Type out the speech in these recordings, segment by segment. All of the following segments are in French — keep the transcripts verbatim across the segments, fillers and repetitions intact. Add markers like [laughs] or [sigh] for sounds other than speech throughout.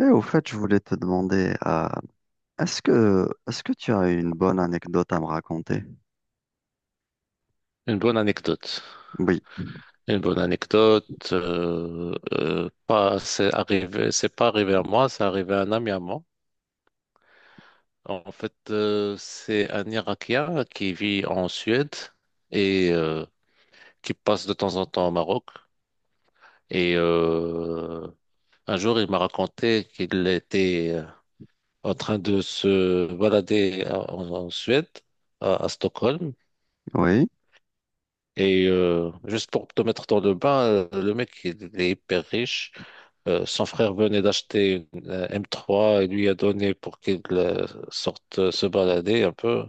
Et au fait, je voulais te demander, euh, est-ce que, est-ce que tu as une bonne anecdote à me raconter? Une bonne anecdote. Oui. Une bonne anecdote. euh, euh, pas, c'est arrivé, c'est pas arrivé à moi, c'est arrivé à un ami à moi. En fait, euh, c'est un Irakien qui vit en Suède et euh, qui passe de temps en temps au Maroc. Et euh, un jour, il m'a raconté qu'il était euh, en train de se balader en, en Suède, à, à Stockholm. Oui, Et euh, juste pour te mettre dans le bain, euh, le mec, il est hyper riche. Euh, son frère venait d'acheter une euh, m trois et lui a donné pour qu'il euh, sorte euh, se balader un peu.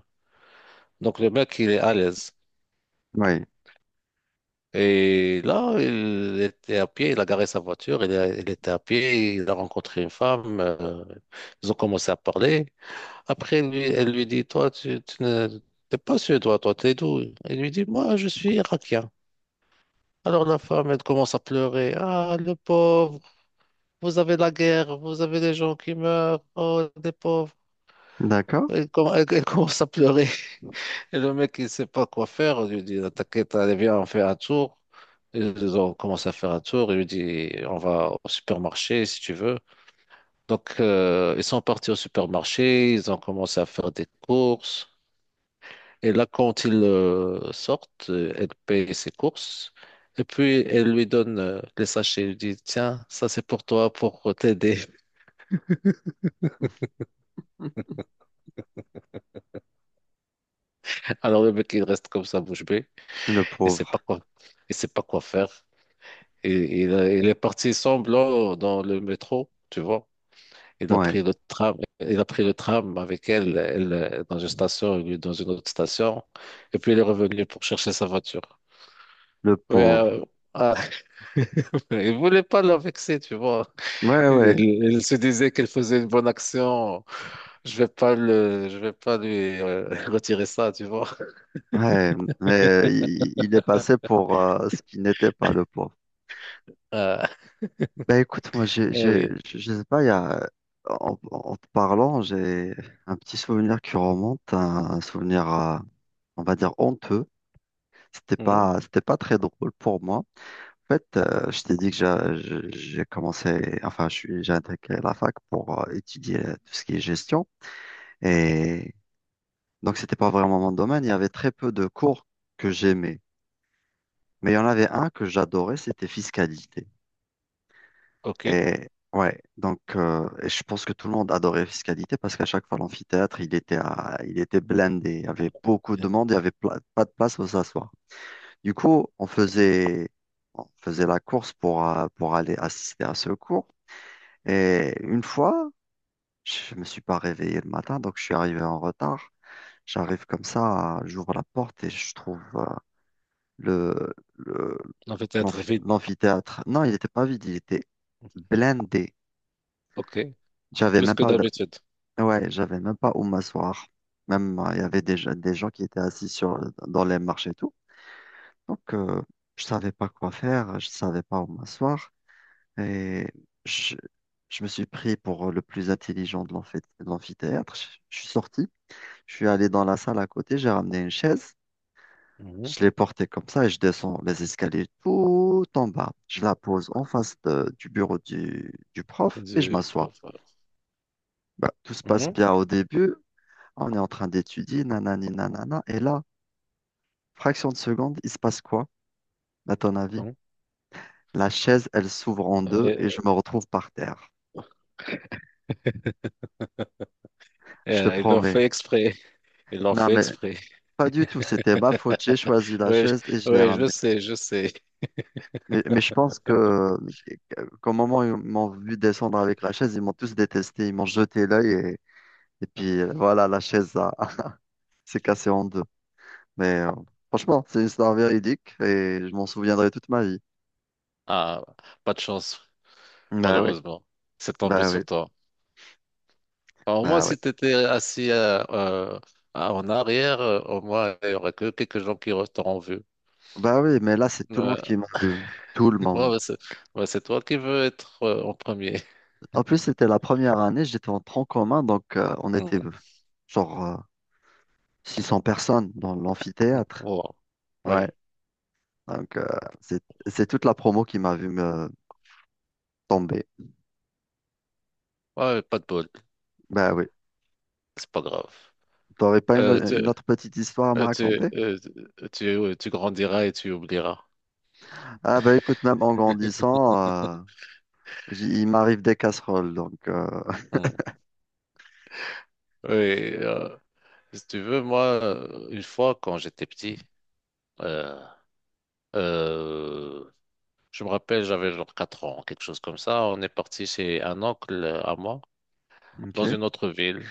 Donc le mec, il est à l'aise. oui, Et là, il était à pied, il a garé sa voiture, il, a- il était à pied, il a rencontré une femme, euh, ils ont commencé à parler. Après, lui, elle lui dit, toi, tu, tu ne- t'es pas suédois, toi, t'es d'où? Il lui dit, moi, je suis irakien. Alors la femme, elle commence à pleurer. Ah, le pauvre, vous avez la guerre, vous avez des gens qui meurent, oh, des pauvres. d'accord. Elle, com- elle- elle commence à pleurer. [laughs] Et le mec, il sait pas quoi faire. Il lui dit, t'inquiète, allez, viens, on fait un tour. Ils ont commencé à faire un tour. Il lui dit, on va au supermarché si tu veux. Donc, euh, ils sont partis au supermarché. Ils ont commencé à faire des courses. Et là, quand ils euh, sortent, euh, elle paye ses courses. Et puis, elle lui donne euh, les sachets. Elle lui dit, tiens, ça c'est pour toi, pour t'aider. [laughs] [laughs] Alors, le mec, il reste comme ça, bouche bée. Le Il sait pas pauvre. quoi, il sait pas quoi faire. Et il, a- il est parti semble là, dans le métro, tu vois. Il a Ouais. pris le tram, il a pris le tram avec elle, elle euh, dans une station, lui dans une autre station. Et puis il est revenu pour chercher sa voiture. Le Ouais, euh, pauvre. ah, [laughs] il voulait pas la vexer, tu vois. Ouais, Il, ouais. il se disait qu'elle faisait une bonne action. Je vais pas le, je vais pas lui euh, [laughs] retirer ça, tu vois. Ouais. Mais euh, il, il est passé pour euh, ce qui n'était pas le pauvre. Euh, Ben écoute, moi, j'ai, eh j'ai, oui. je je sais pas, il y a, en, en te parlant, j'ai un petit souvenir qui remonte, un, un souvenir, euh, on va dire, honteux. C'était Mhm. pas, c'était pas très drôle pour moi. En fait, euh, je t'ai dit que j'a- je- j'ai commencé, enfin, je suis, j'ai intégré la fac pour euh, étudier tout ce qui est gestion. Et donc, c'était pas vraiment mon domaine. Il y avait très peu de cours que j'aimais. Mais il y en avait un que j'adorais, c'était fiscalité. Ok. Et ouais, donc euh, et je pense que tout le monde adorait fiscalité parce qu'à chaque fois l'amphithéâtre, il était à- il était blindé, il y avait beaucoup de Mmh. monde, il y avait pla- pas de place où s'asseoir. Du coup, on faisait on faisait la course pour euh, pour aller assister à ce cours. Et une fois, je me suis pas réveillé le matin, donc je suis arrivé en retard. J'arrive comme ça, j'ouvre la porte et je trouve euh, le le- On va être l'amphi- vite. l'amphithéâtre. Non, il n'était pas vide, il était blindé. Ok. J'avais Plus même que pas d'habitude. Ouais, j'avais même pas où m'asseoir. Même, euh, il y avait des, gens- des gens qui étaient assis sur, dans les marches et tout. Donc, euh, je savais pas quoi faire, je savais pas où m'asseoir. Et je, je me suis pris pour le plus intelligent de l'amphi- de l'amphithéâtre. Je, je suis sorti, je suis allé dans la salle à côté, j'ai ramené une chaise, Mmh. je l'ai portée comme ça et je descends les escaliers tout en bas. Je la pose en face de- du bureau du, du prof et je Du m'assois. professeur. Bah, tout se passe Mhm. bien au début. On est en train d'étudier, nanani, nanana. Et là, fraction de seconde, il se passe quoi, à ton avis? Bon. La chaise, elle s'ouvre en deux et Euh, je me retrouve par terre. Je te euh, Ils l'ont promets. fait exprès. Ils l'ont Non, fait mais exprès. pas du tout. C'était ma faute. J'ai choisi la Oui, je- chaise et je l'ai oui, ramenée. je sais, je sais. Mais, mais je pense que, qu'au moment où ils m'ont vu descendre avec la chaise, ils m'ont tous détesté. Ils m'ont jeté l'œil et, et puis euh, voilà, la chaise a- [laughs] s'est cassée en deux. Mais euh, franchement, c'est une histoire véridique et je m'en souviendrai toute ma vie. Ah, pas de chance, Bah oui, malheureusement. C'est tombé bah oui, sur toi. Alors moi, bah oui. si tu étais assis euh, euh, en arrière, euh, au moins, il y aurait que quelques gens qui t'auront vu. Bah oui, mais là, c'est tout le monde Euh, qui m'a vu. Tout le [laughs] ouais, monde. ouais, c'est ouais, c'est toi qui veux être euh, en premier. En plus, c'était la première année, j'étais en tronc commun, donc euh, on était euh, [laughs] genre euh, six cents personnes dans Mhm. l'amphithéâtre. Wow. Ouais, Oui. donc euh, c'est c'est toute la promo qui m'a vu me tomber. Ouais, pas de bol. Bah oui. C'est pas T'aurais pas grave. Euh, une, tu, une autre petite histoire à me euh, raconter? Tu, euh, tu grandiras et tu oublieras. Ah bah écoute, même en grandissant, euh, j'y- il m'arrive des casseroles, donc... euh, Mm. Oui, euh, si tu veux, moi, euh, une fois, quand j'étais petit, euh, euh, je me rappelle, j'avais genre quatre ans, quelque chose comme ça. On est parti chez un oncle euh, à moi, dans ok, une autre ville.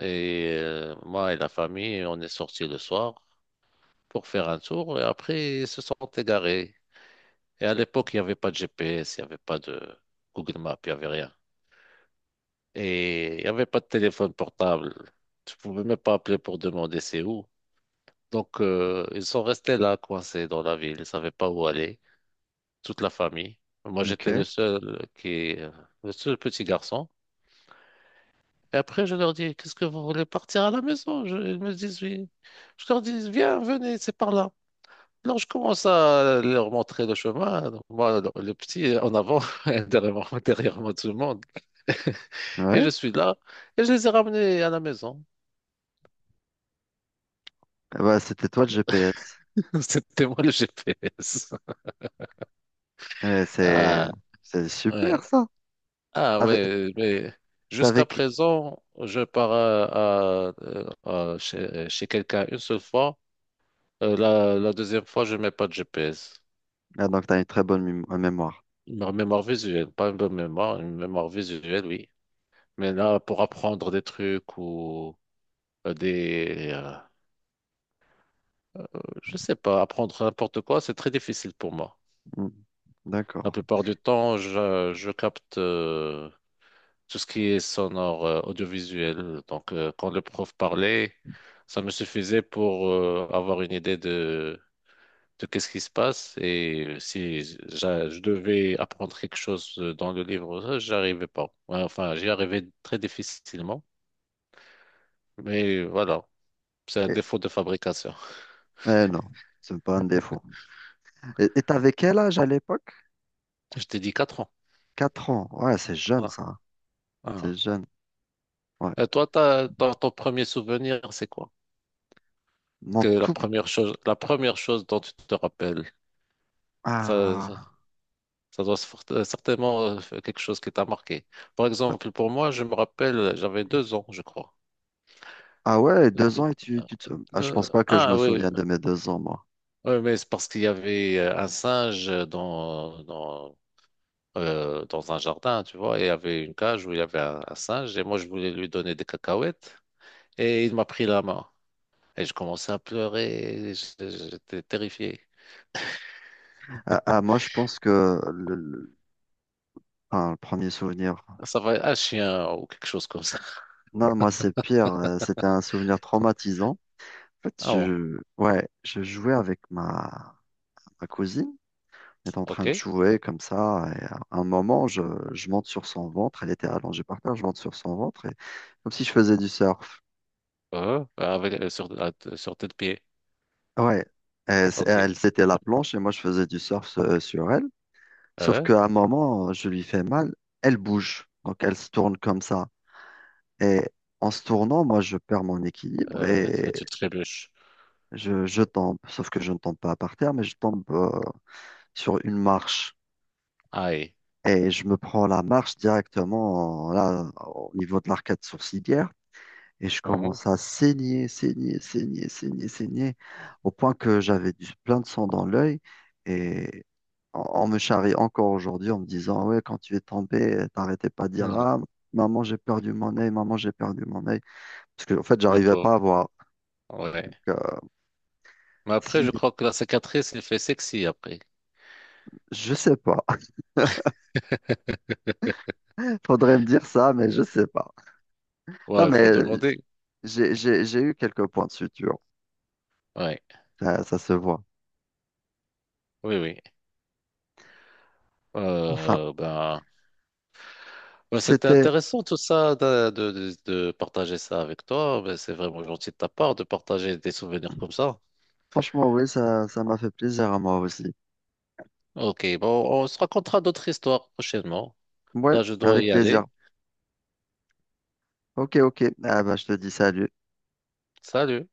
Et euh, moi et la famille, on est sortis le soir pour faire un tour. Et après, ils se sont égarés. Et à l'époque, il n'y avait pas de G P S, il n'y avait pas de Google Maps, il n'y avait rien. Et il n'y avait pas de téléphone portable. Tu pouvais même pas appeler pour demander c'est où. Donc, euh, ils sont restés là, coincés dans la ville. Ils savaient pas où aller, toute la famille. Moi, j'étais ok, le seul qui, euh, le seul petit garçon. Et après, je leur dis, qu'est-ce que vous voulez partir à la maison? Je- ils me disent oui. Je leur dis, viens, venez, c'est par là. Alors, je commence à leur montrer le chemin. Donc, moi, le, le petit en avant, [laughs] derrière moi, derrière moi, tout le monde. [laughs] Et ouais. je suis là. Et je les ai ramenés à la maison. Eh bah c'était toi le GPS. [laughs] C'était moi le G P S. Mais c'est Ah, c'est ouais. super ça. Ah, T'avais, ouais, mais jusqu'à t'avais présent, je pars à, à- euh, à- chez, chez quelqu'un une seule fois. Euh, la, la deuxième fois, je mets pas de G P S. Ah, donc, tu as une très bonne mém- euh, mémoire. Une mémoire visuelle, pas une bonne mémoire, une mémoire visuelle, oui. Mais là, pour apprendre des trucs ou euh, des, euh, je sais pas, apprendre n'importe quoi, c'est très difficile pour moi. Hmm, La d'accord. plupart du temps, je, je capte euh, tout ce qui est sonore, euh, audiovisuel. Donc, euh, quand le prof parlait, ça me suffisait pour euh, avoir une idée de, de qu'est-ce qui se passe. Et si j'a- je devais apprendre quelque chose euh, dans le livre, ça, j'arrivais pas. Ouais, enfin, j'y arrivais très difficilement. Mais voilà, c'est un Et, défaut de fabrication. eh non, c'est pas un défaut. Et tu avais quel âge à l'époque? [laughs] Je t'ai dit quatre ans. Quatre ans. Ouais, c'est jeune, Ah, ça, hein. C'est ah. jeune. Ouais. Et toi, t'as, t'as- ton premier souvenir, c'est quoi? Mon Que la tout. première chose, la première chose dont tu te rappelles, ça, Ah, Ça doit fort- euh, certainement euh, faire quelque chose qui t'a marqué. Par exemple, pour moi, je me rappelle, j'avais deux ans, je crois. ah ouais, deux Deux. ans et tu, Euh, tu te- Ah, je pense euh, pas que je ah me oui, souviens de mes deux ans, moi. Ouais, mais c'est parce qu'il y avait euh, un singe dans, dans, euh, dans un jardin, tu vois, et il y avait une cage où il y avait un, un singe, et moi je voulais lui donner des cacahuètes, et il m'a pris la main, et je commençais à pleurer, et j- j'étais terrifié. Ah, ah, moi, je pense que le, le- enfin, le premier souvenir. Ça va être un chien ou quelque chose comme ça. Non, moi, c'est pire. Euh, c'était un souvenir traumatisant. En fait, Ah bon, je, ouais, je jouais avec ma, ma cousine. Est en train de ok. jouer comme ça. Et à un moment, je, je monte sur son ventre. Elle était allongée par terre. Je monte sur son ventre, et, comme si je faisais du surf. Euh, avec, euh, sur, Sur tes pieds, Ouais. Et c- ok. elle, c'était la planche et moi, je faisais du surf euh, sur elle. Sauf 에? qu'à un moment, je lui fais mal. Elle bouge. Donc, elle se tourne comme ça. Et en se tournant, moi, je perds mon équilibre Euh, et tu trébuches. je, je tombe. Sauf que je ne tombe pas par terre, mais je tombe euh, sur une marche. Aïe. Et je me prends la marche directement euh, là, au niveau de l'arcade sourcilière. Et je Hein? commence à saigner, saigner, saigner, saigner, saigner, au point que j'avais du plein de sang dans l'œil. Et on, on me charrie encore aujourd'hui en me disant, ouais, quand tu es tombé, t'arrêtais pas de dire, Hmm. ah, maman, j'ai perdu mon œil, maman, j'ai perdu mon œil. Parce que, en fait, Le j'arrivais pauvre. pas à voir. Ouais. Donc, euh, Mais après, si, je crois que la cicatrice, il fait sexy après. je sais pas. [laughs] Faudrait me dire ça, mais je sais pas. Ouais, Non, il faut mais demander. j'ai, j'ai, j'ai eu quelques points de suture. Ouais. Ça, ça se voit. Oui, oui. Enfin, Euh, ben, ben, c'était c'était, intéressant tout ça de, de, de- de partager ça avec toi. Ben, c'est vraiment gentil de ta part de partager des souvenirs comme ça. franchement, oui, ça, ça m'a fait plaisir à moi aussi. Ok, bon, on se racontera d'autres histoires prochainement. Ouais, Là, je dois avec y plaisir. aller. Ok, ok. Ah bah, je te dis salut. Salut.